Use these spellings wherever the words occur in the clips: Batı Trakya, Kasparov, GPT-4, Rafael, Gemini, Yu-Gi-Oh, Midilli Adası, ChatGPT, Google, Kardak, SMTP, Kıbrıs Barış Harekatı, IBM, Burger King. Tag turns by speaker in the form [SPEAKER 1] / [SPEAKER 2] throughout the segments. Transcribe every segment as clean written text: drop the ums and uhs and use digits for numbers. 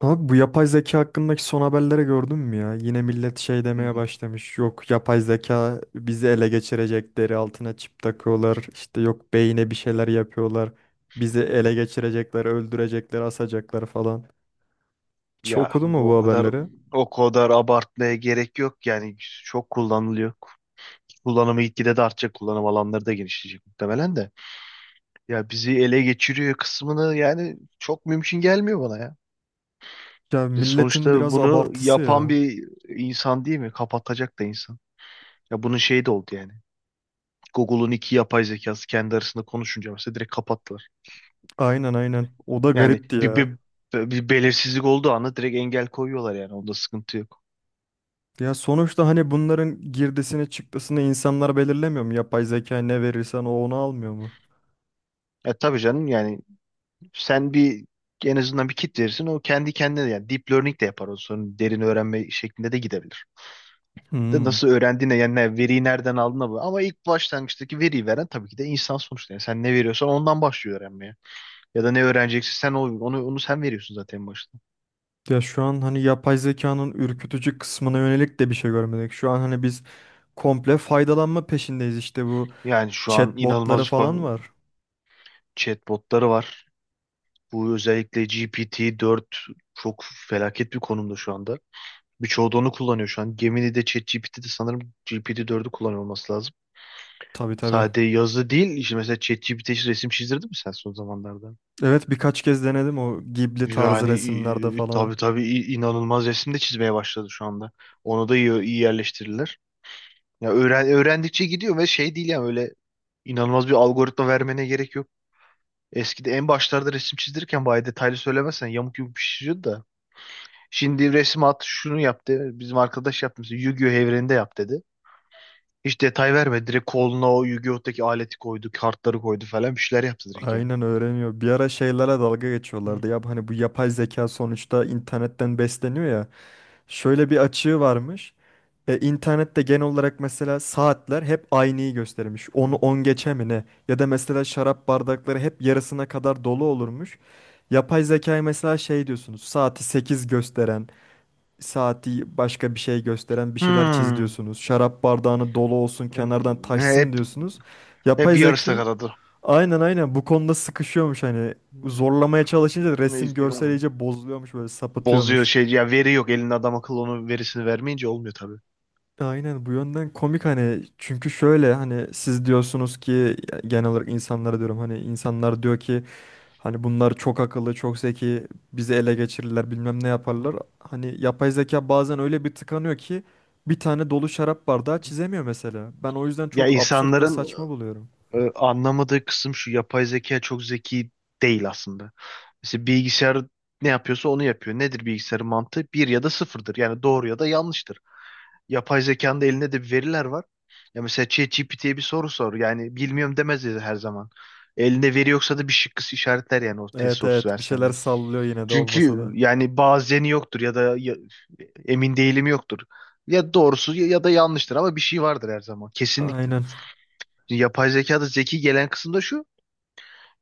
[SPEAKER 1] Abi bu yapay zeka hakkındaki son haberlere gördün mü ya? Yine millet şey demeye
[SPEAKER 2] Hmm.
[SPEAKER 1] başlamış. Yok yapay zeka bizi ele geçirecek. Deri altına çip takıyorlar. İşte yok beyine bir şeyler yapıyorlar. Bizi ele geçirecekler, öldürecekler, asacaklar falan. Hiç
[SPEAKER 2] Ya
[SPEAKER 1] okudun mu bu
[SPEAKER 2] o kadar
[SPEAKER 1] haberleri?
[SPEAKER 2] o kadar abartmaya gerek yok yani çok kullanılıyor. Kullanımı gitgide de artacak. Kullanım alanları da genişleyecek muhtemelen de. Ya bizi ele geçiriyor kısmını yani çok mümkün gelmiyor bana ya.
[SPEAKER 1] Ya
[SPEAKER 2] Ve
[SPEAKER 1] milletin
[SPEAKER 2] sonuçta
[SPEAKER 1] biraz
[SPEAKER 2] bunu
[SPEAKER 1] abartısı
[SPEAKER 2] yapan
[SPEAKER 1] ya.
[SPEAKER 2] bir insan değil mi? Kapatacak da insan. Ya bunun şeyi de oldu yani. Google'un iki yapay zekası kendi arasında konuşunca mesela direkt kapattılar.
[SPEAKER 1] Aynen aynen. O da
[SPEAKER 2] Yani
[SPEAKER 1] garipti
[SPEAKER 2] bir,
[SPEAKER 1] ya.
[SPEAKER 2] bir, bir belirsizlik olduğu anda direkt engel koyuyorlar yani. Onda sıkıntı yok.
[SPEAKER 1] Ya sonuçta hani bunların girdisini çıktısını insanlar belirlemiyor mu? Yapay zeka ne verirsen o onu almıyor mu?
[SPEAKER 2] Ya tabii canım yani sen bir en azından bir kit verirsin o kendi kendine yani deep learning de yapar o sonra derin öğrenme şeklinde de gidebilir. De
[SPEAKER 1] Hmm.
[SPEAKER 2] nasıl öğrendiğine yani veriyi nereden aldığına bu. Ama ilk başlangıçtaki veriyi veren tabii ki de insan sonuçta. Yani sen ne veriyorsan ondan başlıyor öğrenmeye. Ya da ne öğreneceksin sen onu, onu sen veriyorsun zaten en başta.
[SPEAKER 1] Ya şu an hani yapay zekanın ürkütücü kısmına yönelik de bir şey görmedik. Şu an hani biz komple faydalanma peşindeyiz, işte bu
[SPEAKER 2] Yani şu an inanılmaz
[SPEAKER 1] chatbotları
[SPEAKER 2] bir
[SPEAKER 1] falan var.
[SPEAKER 2] chatbotları var. Bu özellikle GPT-4 çok felaket bir konumda şu anda. Birçoğu da onu kullanıyor şu an. Gemini'de ChatGPT'de sanırım GPT-4'ü kullanıyor olması lazım.
[SPEAKER 1] Tabii tabii.
[SPEAKER 2] Sadece yazı değil, İşte mesela ChatGPT hiç resim çizdirdin mi sen son zamanlarda?
[SPEAKER 1] Evet, birkaç kez denedim o Ghibli tarzı
[SPEAKER 2] Yani
[SPEAKER 1] resimlerde falan.
[SPEAKER 2] tabii tabii inanılmaz resim de çizmeye başladı şu anda. Onu da iyi, iyi yerleştirirler. Ya öğrendikçe gidiyor ve şey değil yani öyle inanılmaz bir algoritma vermene gerek yok. Eskide en başlarda resim çizdirirken bayağı detaylı söylemezsen yamuk yumuk bir şey çiziyordu da. Şimdi resim at şunu yap dedi. Bizim arkadaş yapmış. Yu-Gi-Oh evreninde yap dedi. Hiç detay vermedi. Direkt koluna o Yu-Gi-Oh'taki aleti koydu. Kartları koydu falan. Bir şeyler yaptı direkt yani.
[SPEAKER 1] Aynen öğreniyor. Bir ara şeylere dalga
[SPEAKER 2] Hı,
[SPEAKER 1] geçiyorlardı. Ya hani bu yapay zeka sonuçta internetten besleniyor ya. Şöyle bir açığı varmış. İnternette genel olarak mesela saatler hep aynıyı göstermiş. Onu
[SPEAKER 2] hı.
[SPEAKER 1] 10 geçe mi ne? Ya da mesela şarap bardakları hep yarısına kadar dolu olurmuş. Yapay zekayı mesela şey diyorsunuz. Saati 8 gösteren, saati başka bir şey gösteren bir şeyler çiz
[SPEAKER 2] Hmm.
[SPEAKER 1] diyorsunuz. Şarap bardağını dolu olsun, kenardan
[SPEAKER 2] Hmm.
[SPEAKER 1] taşsın
[SPEAKER 2] Hep,
[SPEAKER 1] diyorsunuz.
[SPEAKER 2] hep
[SPEAKER 1] Yapay zeka
[SPEAKER 2] yarısı kadadı.
[SPEAKER 1] aynen aynen bu konuda sıkışıyormuş hani. Zorlamaya çalışınca resim görsel iyice bozuluyormuş, böyle
[SPEAKER 2] Bozuyor
[SPEAKER 1] sapıtıyormuş.
[SPEAKER 2] şey ya, veri yok elinde, adam akıllı onun verisini vermeyince olmuyor tabii.
[SPEAKER 1] Aynen, bu yönden komik hani, çünkü şöyle hani siz diyorsunuz ki, genel olarak insanlara diyorum, hani insanlar diyor ki hani bunlar çok akıllı, çok zeki, bizi ele geçirirler bilmem ne yaparlar. Hani yapay zeka bazen öyle bir tıkanıyor ki bir tane dolu şarap bardağı çizemiyor mesela. Ben o yüzden
[SPEAKER 2] Ya
[SPEAKER 1] çok absürt ve
[SPEAKER 2] insanların
[SPEAKER 1] saçma buluyorum.
[SPEAKER 2] Anlamadığı kısım şu, yapay zeka çok zeki değil aslında. Mesela bilgisayar ne yapıyorsa onu yapıyor. Nedir bilgisayarın mantığı? Bir ya da sıfırdır. Yani doğru ya da yanlıştır. Yapay zekanın da elinde de bir veriler var. Ya mesela ChatGPT'ye bir soru sor. Yani bilmiyorum demez dedi her zaman. Elinde veri yoksa da bir şıkkısı işaretler yani, o test
[SPEAKER 1] Evet
[SPEAKER 2] sorusu
[SPEAKER 1] evet, bir
[SPEAKER 2] versen
[SPEAKER 1] şeyler
[SPEAKER 2] de.
[SPEAKER 1] sallıyor yine de olmasa
[SPEAKER 2] Çünkü
[SPEAKER 1] da.
[SPEAKER 2] yani bazeni yoktur ya da emin değilim yoktur. Ya doğrusu ya ya da yanlıştır ama bir şey vardır her zaman kesinlikle.
[SPEAKER 1] Aynen,
[SPEAKER 2] Yapay zekada zeki gelen kısım da şu.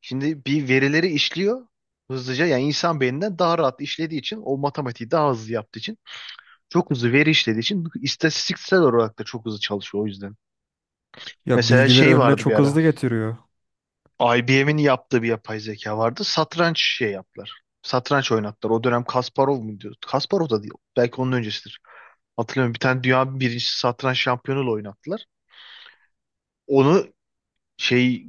[SPEAKER 2] Şimdi bir verileri işliyor hızlıca. Yani insan beyninden daha rahat işlediği için, o matematiği daha hızlı yaptığı için, çok hızlı veri işlediği için, istatistiksel olarak da çok hızlı çalışıyor o yüzden.
[SPEAKER 1] ya
[SPEAKER 2] Mesela
[SPEAKER 1] bilgileri
[SPEAKER 2] şey
[SPEAKER 1] önüne
[SPEAKER 2] vardı bir
[SPEAKER 1] çok
[SPEAKER 2] ara.
[SPEAKER 1] hızlı getiriyor.
[SPEAKER 2] IBM'in yaptığı bir yapay zeka vardı. Satranç şey yaptılar. Satranç oynattılar. O dönem Kasparov mu diyor? Kasparov da değil. Belki onun öncesidir. Hatırlamıyorum. Bir tane dünya birincisi satranç şampiyonuyla oynattılar. Onu şey,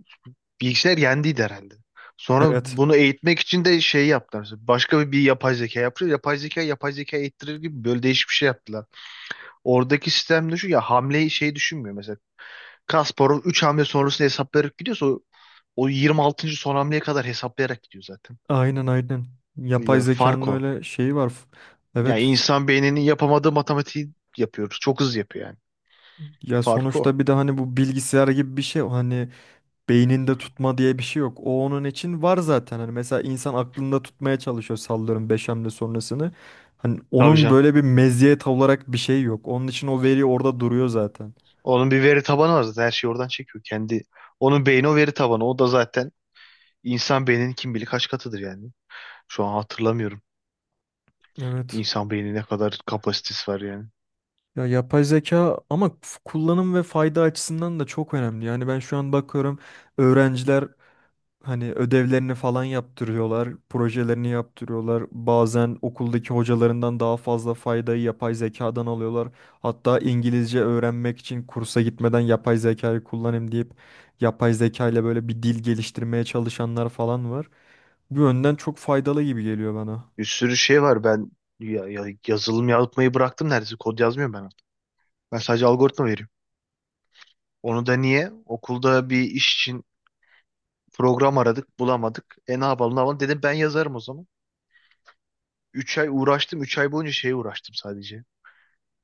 [SPEAKER 2] bilgisayar yendiydi herhalde. Sonra
[SPEAKER 1] Evet,
[SPEAKER 2] bunu eğitmek için de şey yaptılar. Başka bir yapay zeka yapıyor. Yapay zeka yapay zeka eğittirir gibi böyle değişik bir şey yaptılar. Oradaki sistem, düşün ya, hamleyi şey düşünmüyor mesela. Kasparov 3 hamle sonrasını hesaplayarak gidiyorsa, o yirmi altıncı son hamleye kadar hesaplayarak gidiyor zaten.
[SPEAKER 1] aynen aynen, yapay
[SPEAKER 2] Ya
[SPEAKER 1] zekanın
[SPEAKER 2] fark o.
[SPEAKER 1] öyle şeyi var.
[SPEAKER 2] Ya
[SPEAKER 1] Evet.
[SPEAKER 2] insan beyninin yapamadığı matematiği yapıyoruz. Çok hızlı yapıyor yani.
[SPEAKER 1] Ya
[SPEAKER 2] Fark o.
[SPEAKER 1] sonuçta bir de hani bu bilgisayar gibi bir şey, hani beyninde tutma diye bir şey yok. O onun için var zaten. Hani mesela insan aklında tutmaya çalışıyor sallıyorum 5 hamle sonrasını. Hani
[SPEAKER 2] Tabii
[SPEAKER 1] onun
[SPEAKER 2] canım.
[SPEAKER 1] böyle bir meziyet olarak bir şey yok. Onun için o veri orada duruyor zaten.
[SPEAKER 2] Onun bir veri tabanı var zaten. Her şeyi oradan çekiyor. Kendi, onun beyni o veri tabanı. O da zaten İnsan beyninin kim bilir kaç katıdır yani. Şu an hatırlamıyorum.
[SPEAKER 1] Evet.
[SPEAKER 2] İnsan beynine ne kadar kapasitesi var yani.
[SPEAKER 1] Ya yapay zeka ama kullanım ve fayda açısından da çok önemli. Yani ben şu an bakıyorum öğrenciler hani ödevlerini falan yaptırıyorlar, projelerini yaptırıyorlar. Bazen okuldaki hocalarından daha fazla faydayı yapay zekadan alıyorlar. Hatta İngilizce öğrenmek için kursa gitmeden yapay zekayı kullanayım deyip yapay zeka ile böyle bir dil geliştirmeye çalışanlar falan var. Bu yönden çok faydalı gibi geliyor bana.
[SPEAKER 2] Bir sürü şey var. Ben yazılım yapmayı bıraktım neredeyse. Kod yazmıyorum ben artık. Ben sadece algoritma veriyorum. Onu da niye? Okulda bir iş için program aradık, bulamadık. E ne yapalım, ne yapalım? Dedim ben yazarım o zaman. 3 ay uğraştım. Üç ay boyunca şeye uğraştım sadece.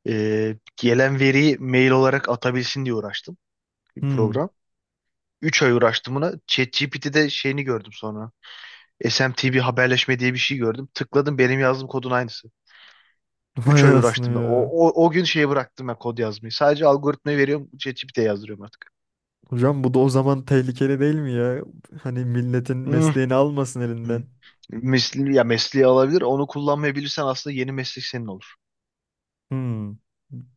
[SPEAKER 2] Gelen veriyi mail olarak atabilsin diye uğraştım. Bir
[SPEAKER 1] Hmm.
[SPEAKER 2] program. 3 ay uğraştım buna. ChatGPT'de şeyini gördüm sonra. SMTV haberleşme diye bir şey gördüm. Tıkladım, benim yazdığım kodun aynısı. 3
[SPEAKER 1] Vay
[SPEAKER 2] ay
[SPEAKER 1] anasını
[SPEAKER 2] uğraştım ben.
[SPEAKER 1] ya.
[SPEAKER 2] O gün şeye bıraktım ben kod yazmayı. Sadece algoritmayı veriyorum. ChatGPT'ye yazdırıyorum artık.
[SPEAKER 1] Hocam bu da o zaman tehlikeli değil mi ya? Hani milletin
[SPEAKER 2] Hmm.
[SPEAKER 1] mesleğini almasın
[SPEAKER 2] Hmm.
[SPEAKER 1] elinden.
[SPEAKER 2] Ya mesleği alabilir. Onu kullanmayabilirsen aslında yeni meslek senin olur.
[SPEAKER 1] Hmm.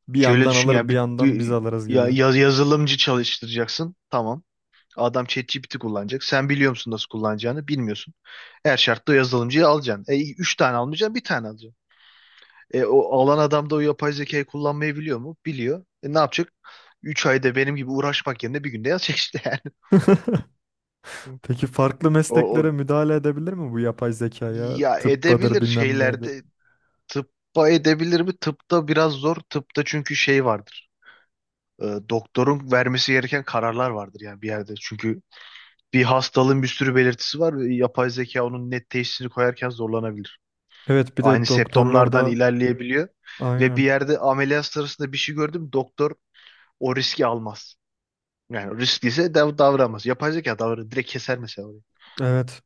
[SPEAKER 1] Bir
[SPEAKER 2] Şöyle
[SPEAKER 1] yandan
[SPEAKER 2] düşün
[SPEAKER 1] alır
[SPEAKER 2] ya,
[SPEAKER 1] bir yandan biz alırız gibi.
[SPEAKER 2] yazılımcı çalıştıracaksın. Tamam. Adam ChatGPT kullanacak. Sen biliyor musun nasıl kullanacağını? Bilmiyorsun. Her şartta o yazılımcıyı alacaksın. Üç tane almayacaksın, bir tane alacaksın. O alan adam da o yapay zekayı kullanmayı biliyor mu? Biliyor. Ne yapacak? 3 ayda benim gibi uğraşmak yerine bir günde yazacak işte yani. Hı.
[SPEAKER 1] Peki farklı
[SPEAKER 2] O, o
[SPEAKER 1] mesleklere müdahale edebilir mi bu yapay zekaya?
[SPEAKER 2] ya
[SPEAKER 1] Tıbbadır
[SPEAKER 2] edebilir
[SPEAKER 1] bilmem nedir.
[SPEAKER 2] şeylerde, tıbba edebilir mi? Tıpta biraz zor. Tıpta çünkü şey vardır. Doktorun vermesi gereken kararlar vardır yani bir yerde. Çünkü bir hastalığın bir sürü belirtisi var ve yapay zeka onun net teşhisini koyarken zorlanabilir.
[SPEAKER 1] Evet, bir
[SPEAKER 2] Aynı
[SPEAKER 1] de doktorlar
[SPEAKER 2] septomlardan
[SPEAKER 1] da
[SPEAKER 2] ilerleyebiliyor ve bir
[SPEAKER 1] aynen.
[SPEAKER 2] yerde ameliyat sırasında bir şey gördüm, doktor o riski almaz. Yani riskliyse davranmaz. Yapay zeka davranır. Direkt keser mesela orayı.
[SPEAKER 1] Evet.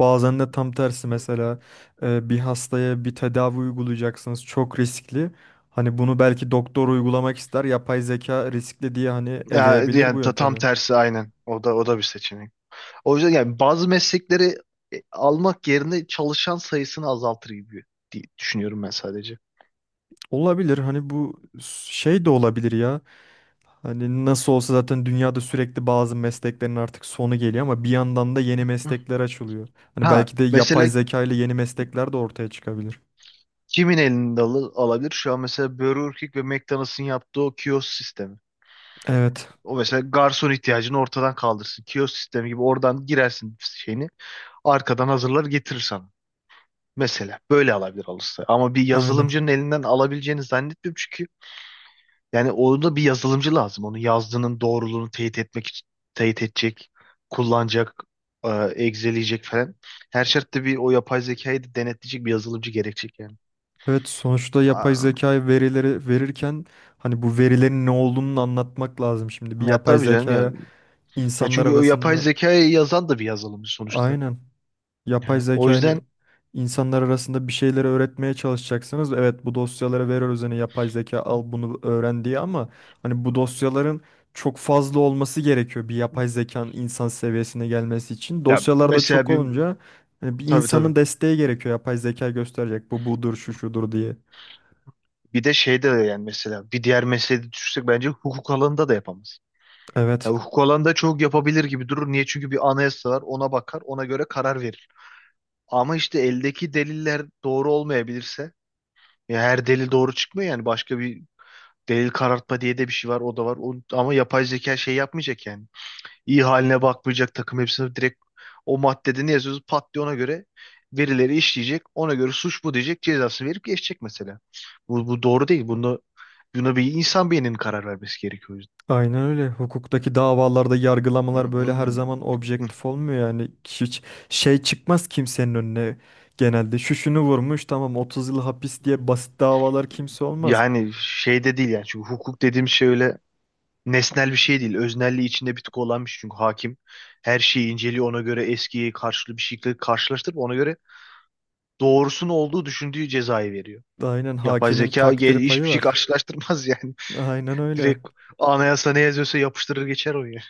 [SPEAKER 1] Bazen de tam tersi mesela, bir hastaya bir tedavi uygulayacaksınız çok riskli. Hani bunu belki doktor uygulamak ister, yapay zeka riskli diye hani
[SPEAKER 2] Ya,
[SPEAKER 1] eleyebilir
[SPEAKER 2] yani
[SPEAKER 1] bu
[SPEAKER 2] tam
[SPEAKER 1] yöntemi.
[SPEAKER 2] tersi aynen. O da o da bir seçenek. O yüzden yani bazı meslekleri almak yerine çalışan sayısını azaltır gibi diye düşünüyorum ben sadece.
[SPEAKER 1] Olabilir, hani bu şey de olabilir ya. Hani nasıl olsa zaten dünyada sürekli bazı mesleklerin artık sonu geliyor ama bir yandan da yeni
[SPEAKER 2] Hı.
[SPEAKER 1] meslekler açılıyor. Hani
[SPEAKER 2] Ha
[SPEAKER 1] belki de yapay
[SPEAKER 2] mesela
[SPEAKER 1] zeka ile yeni meslekler de ortaya çıkabilir.
[SPEAKER 2] kimin elinde alabilir? Şu an mesela Burger King ve McDonald's'ın yaptığı o kiosk sistemi.
[SPEAKER 1] Evet,
[SPEAKER 2] O mesela garson ihtiyacını ortadan kaldırsın. Kiosk sistemi gibi, oradan girersin şeyini arkadan hazırlar getirir sana. Mesela böyle alabilir alırsa. Ama bir
[SPEAKER 1] aynen.
[SPEAKER 2] yazılımcının elinden alabileceğini zannetmiyorum çünkü yani orada bir yazılımcı lazım. Onun yazdığının doğruluğunu teyit etmek için teyit edecek, kullanacak, e, egzeleyecek falan. Her şartta bir, o yapay zekayı da denetleyecek bir yazılımcı gerekecek yani.
[SPEAKER 1] Evet, sonuçta yapay
[SPEAKER 2] Aa,
[SPEAKER 1] zeka verileri verirken hani bu verilerin ne olduğunu anlatmak lazım şimdi. Bir
[SPEAKER 2] ya
[SPEAKER 1] yapay
[SPEAKER 2] tabii canım ya.
[SPEAKER 1] zekaya
[SPEAKER 2] Ya
[SPEAKER 1] insanlar
[SPEAKER 2] çünkü o yapay
[SPEAKER 1] arasında,
[SPEAKER 2] zekayı yazan da bir yazılımcı sonuçta.
[SPEAKER 1] aynen, yapay
[SPEAKER 2] Yani o
[SPEAKER 1] zeka hani
[SPEAKER 2] yüzden
[SPEAKER 1] insanlar arasında bir şeyleri öğretmeye çalışacaksınız. Evet, bu dosyalara veriyoruz hani yapay zeka al bunu öğren diye, ama hani bu dosyaların çok fazla olması gerekiyor bir yapay zekanın insan seviyesine gelmesi için.
[SPEAKER 2] ya
[SPEAKER 1] Dosyalarda
[SPEAKER 2] mesela
[SPEAKER 1] çok
[SPEAKER 2] bir,
[SPEAKER 1] olunca hani bir
[SPEAKER 2] tabii tabii.
[SPEAKER 1] insanın desteği gerekiyor, yapay zeka gösterecek bu budur şu şudur diye.
[SPEAKER 2] Bir de şeyde de yani, mesela bir diğer mesleği düşünsek bence hukuk alanında da yapamaz. Ya
[SPEAKER 1] Evet.
[SPEAKER 2] hukuk alanında çok yapabilir gibi durur. Niye? Çünkü bir anayasa var. Ona bakar, ona göre karar verir. Ama işte eldeki deliller doğru olmayabilirse, ya her delil doğru çıkmıyor yani, başka bir delil karartma diye de bir şey var, o da var. Ama yapay zeka şey yapmayacak yani. İyi haline bakmayacak, takım hepsini direkt, o maddede ne yazıyorsa pat diye ona göre verileri işleyecek. Ona göre suç bu diyecek, cezasını verip geçecek mesela. Bu doğru değil. Buna bir insan beyninin karar vermesi gerekiyor o yüzden.
[SPEAKER 1] Aynen öyle. Hukuktaki davalarda yargılamalar böyle her
[SPEAKER 2] Hı,
[SPEAKER 1] zaman
[SPEAKER 2] hı,
[SPEAKER 1] objektif olmuyor yani. Hiç şey çıkmaz kimsenin önüne genelde. Şu şunu vurmuş tamam 30 yıl hapis diye
[SPEAKER 2] hı.
[SPEAKER 1] basit davalar kimse olmaz.
[SPEAKER 2] Yani şey de değil yani, çünkü hukuk dediğim şey öyle nesnel bir şey değil. Öznelliği içinde bir tık olan bir şey. Çünkü hakim her şeyi inceliyor, ona göre eskiye karşılı bir şekilde karşılaştırıp ona göre doğrusunun olduğu düşündüğü cezayı veriyor.
[SPEAKER 1] Aynen,
[SPEAKER 2] Yapay
[SPEAKER 1] hakimin
[SPEAKER 2] zeka
[SPEAKER 1] takdir payı
[SPEAKER 2] hiçbir şey
[SPEAKER 1] var.
[SPEAKER 2] karşılaştırmaz yani.
[SPEAKER 1] Aynen öyle.
[SPEAKER 2] Direkt anayasa ne yazıyorsa yapıştırır geçer o ya.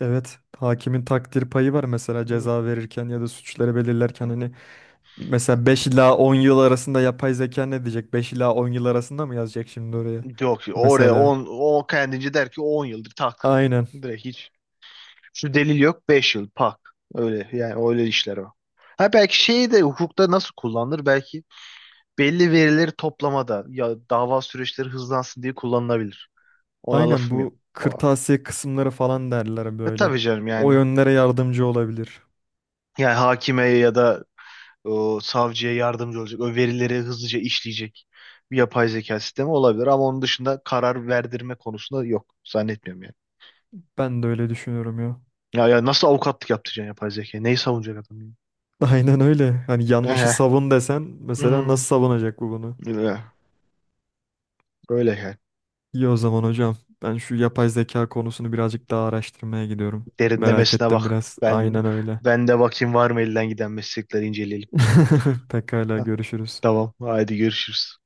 [SPEAKER 1] Evet, hakimin takdir payı var mesela
[SPEAKER 2] Hı.
[SPEAKER 1] ceza verirken ya da suçları belirlerken, hani mesela 5 ila 10 yıl arasında, yapay zeka ne diyecek? 5 ila 10 yıl arasında mı yazacak şimdi oraya?
[SPEAKER 2] Yok oraya
[SPEAKER 1] Mesela.
[SPEAKER 2] o kendince der ki 10 yıldır tak.
[SPEAKER 1] Aynen.
[SPEAKER 2] Direkt hiç, şu delil yok 5 yıl pak. Öyle yani, öyle işler o. Ha belki şeyi de, hukukta nasıl kullanılır? Belki belli verileri toplamada ya dava süreçleri hızlansın diye kullanılabilir. Ona
[SPEAKER 1] Aynen
[SPEAKER 2] lafım yok.
[SPEAKER 1] bu
[SPEAKER 2] O.
[SPEAKER 1] kırtasiye kısımları falan derler
[SPEAKER 2] E
[SPEAKER 1] böyle.
[SPEAKER 2] tabii canım
[SPEAKER 1] O
[SPEAKER 2] yani.
[SPEAKER 1] yönlere yardımcı olabilir.
[SPEAKER 2] Yani hakime ya da savcıya yardımcı olacak. O verileri hızlıca işleyecek bir yapay zeka sistemi olabilir. Ama onun dışında karar verdirme konusunda yok. Zannetmiyorum yani.
[SPEAKER 1] Ben de öyle düşünüyorum ya.
[SPEAKER 2] Ya nasıl avukatlık yaptıracaksın yapay zeka? Neyi savunacak adam, ya?
[SPEAKER 1] Aynen öyle. Hani yanlışı
[SPEAKER 2] Ehe.
[SPEAKER 1] savun desen mesela
[SPEAKER 2] Hmm.
[SPEAKER 1] nasıl savunacak bu bunu?
[SPEAKER 2] Öyle. Öyle yani.
[SPEAKER 1] İyi, o zaman hocam. Ben şu yapay zeka konusunu birazcık daha araştırmaya gidiyorum. Merak
[SPEAKER 2] Derinlemesine
[SPEAKER 1] ettim
[SPEAKER 2] bak.
[SPEAKER 1] biraz. Aynen öyle.
[SPEAKER 2] Ben de bakayım var mı, elden giden meslekleri inceleyelim.
[SPEAKER 1] Pekala, görüşürüz.
[SPEAKER 2] Tamam, hadi görüşürüz.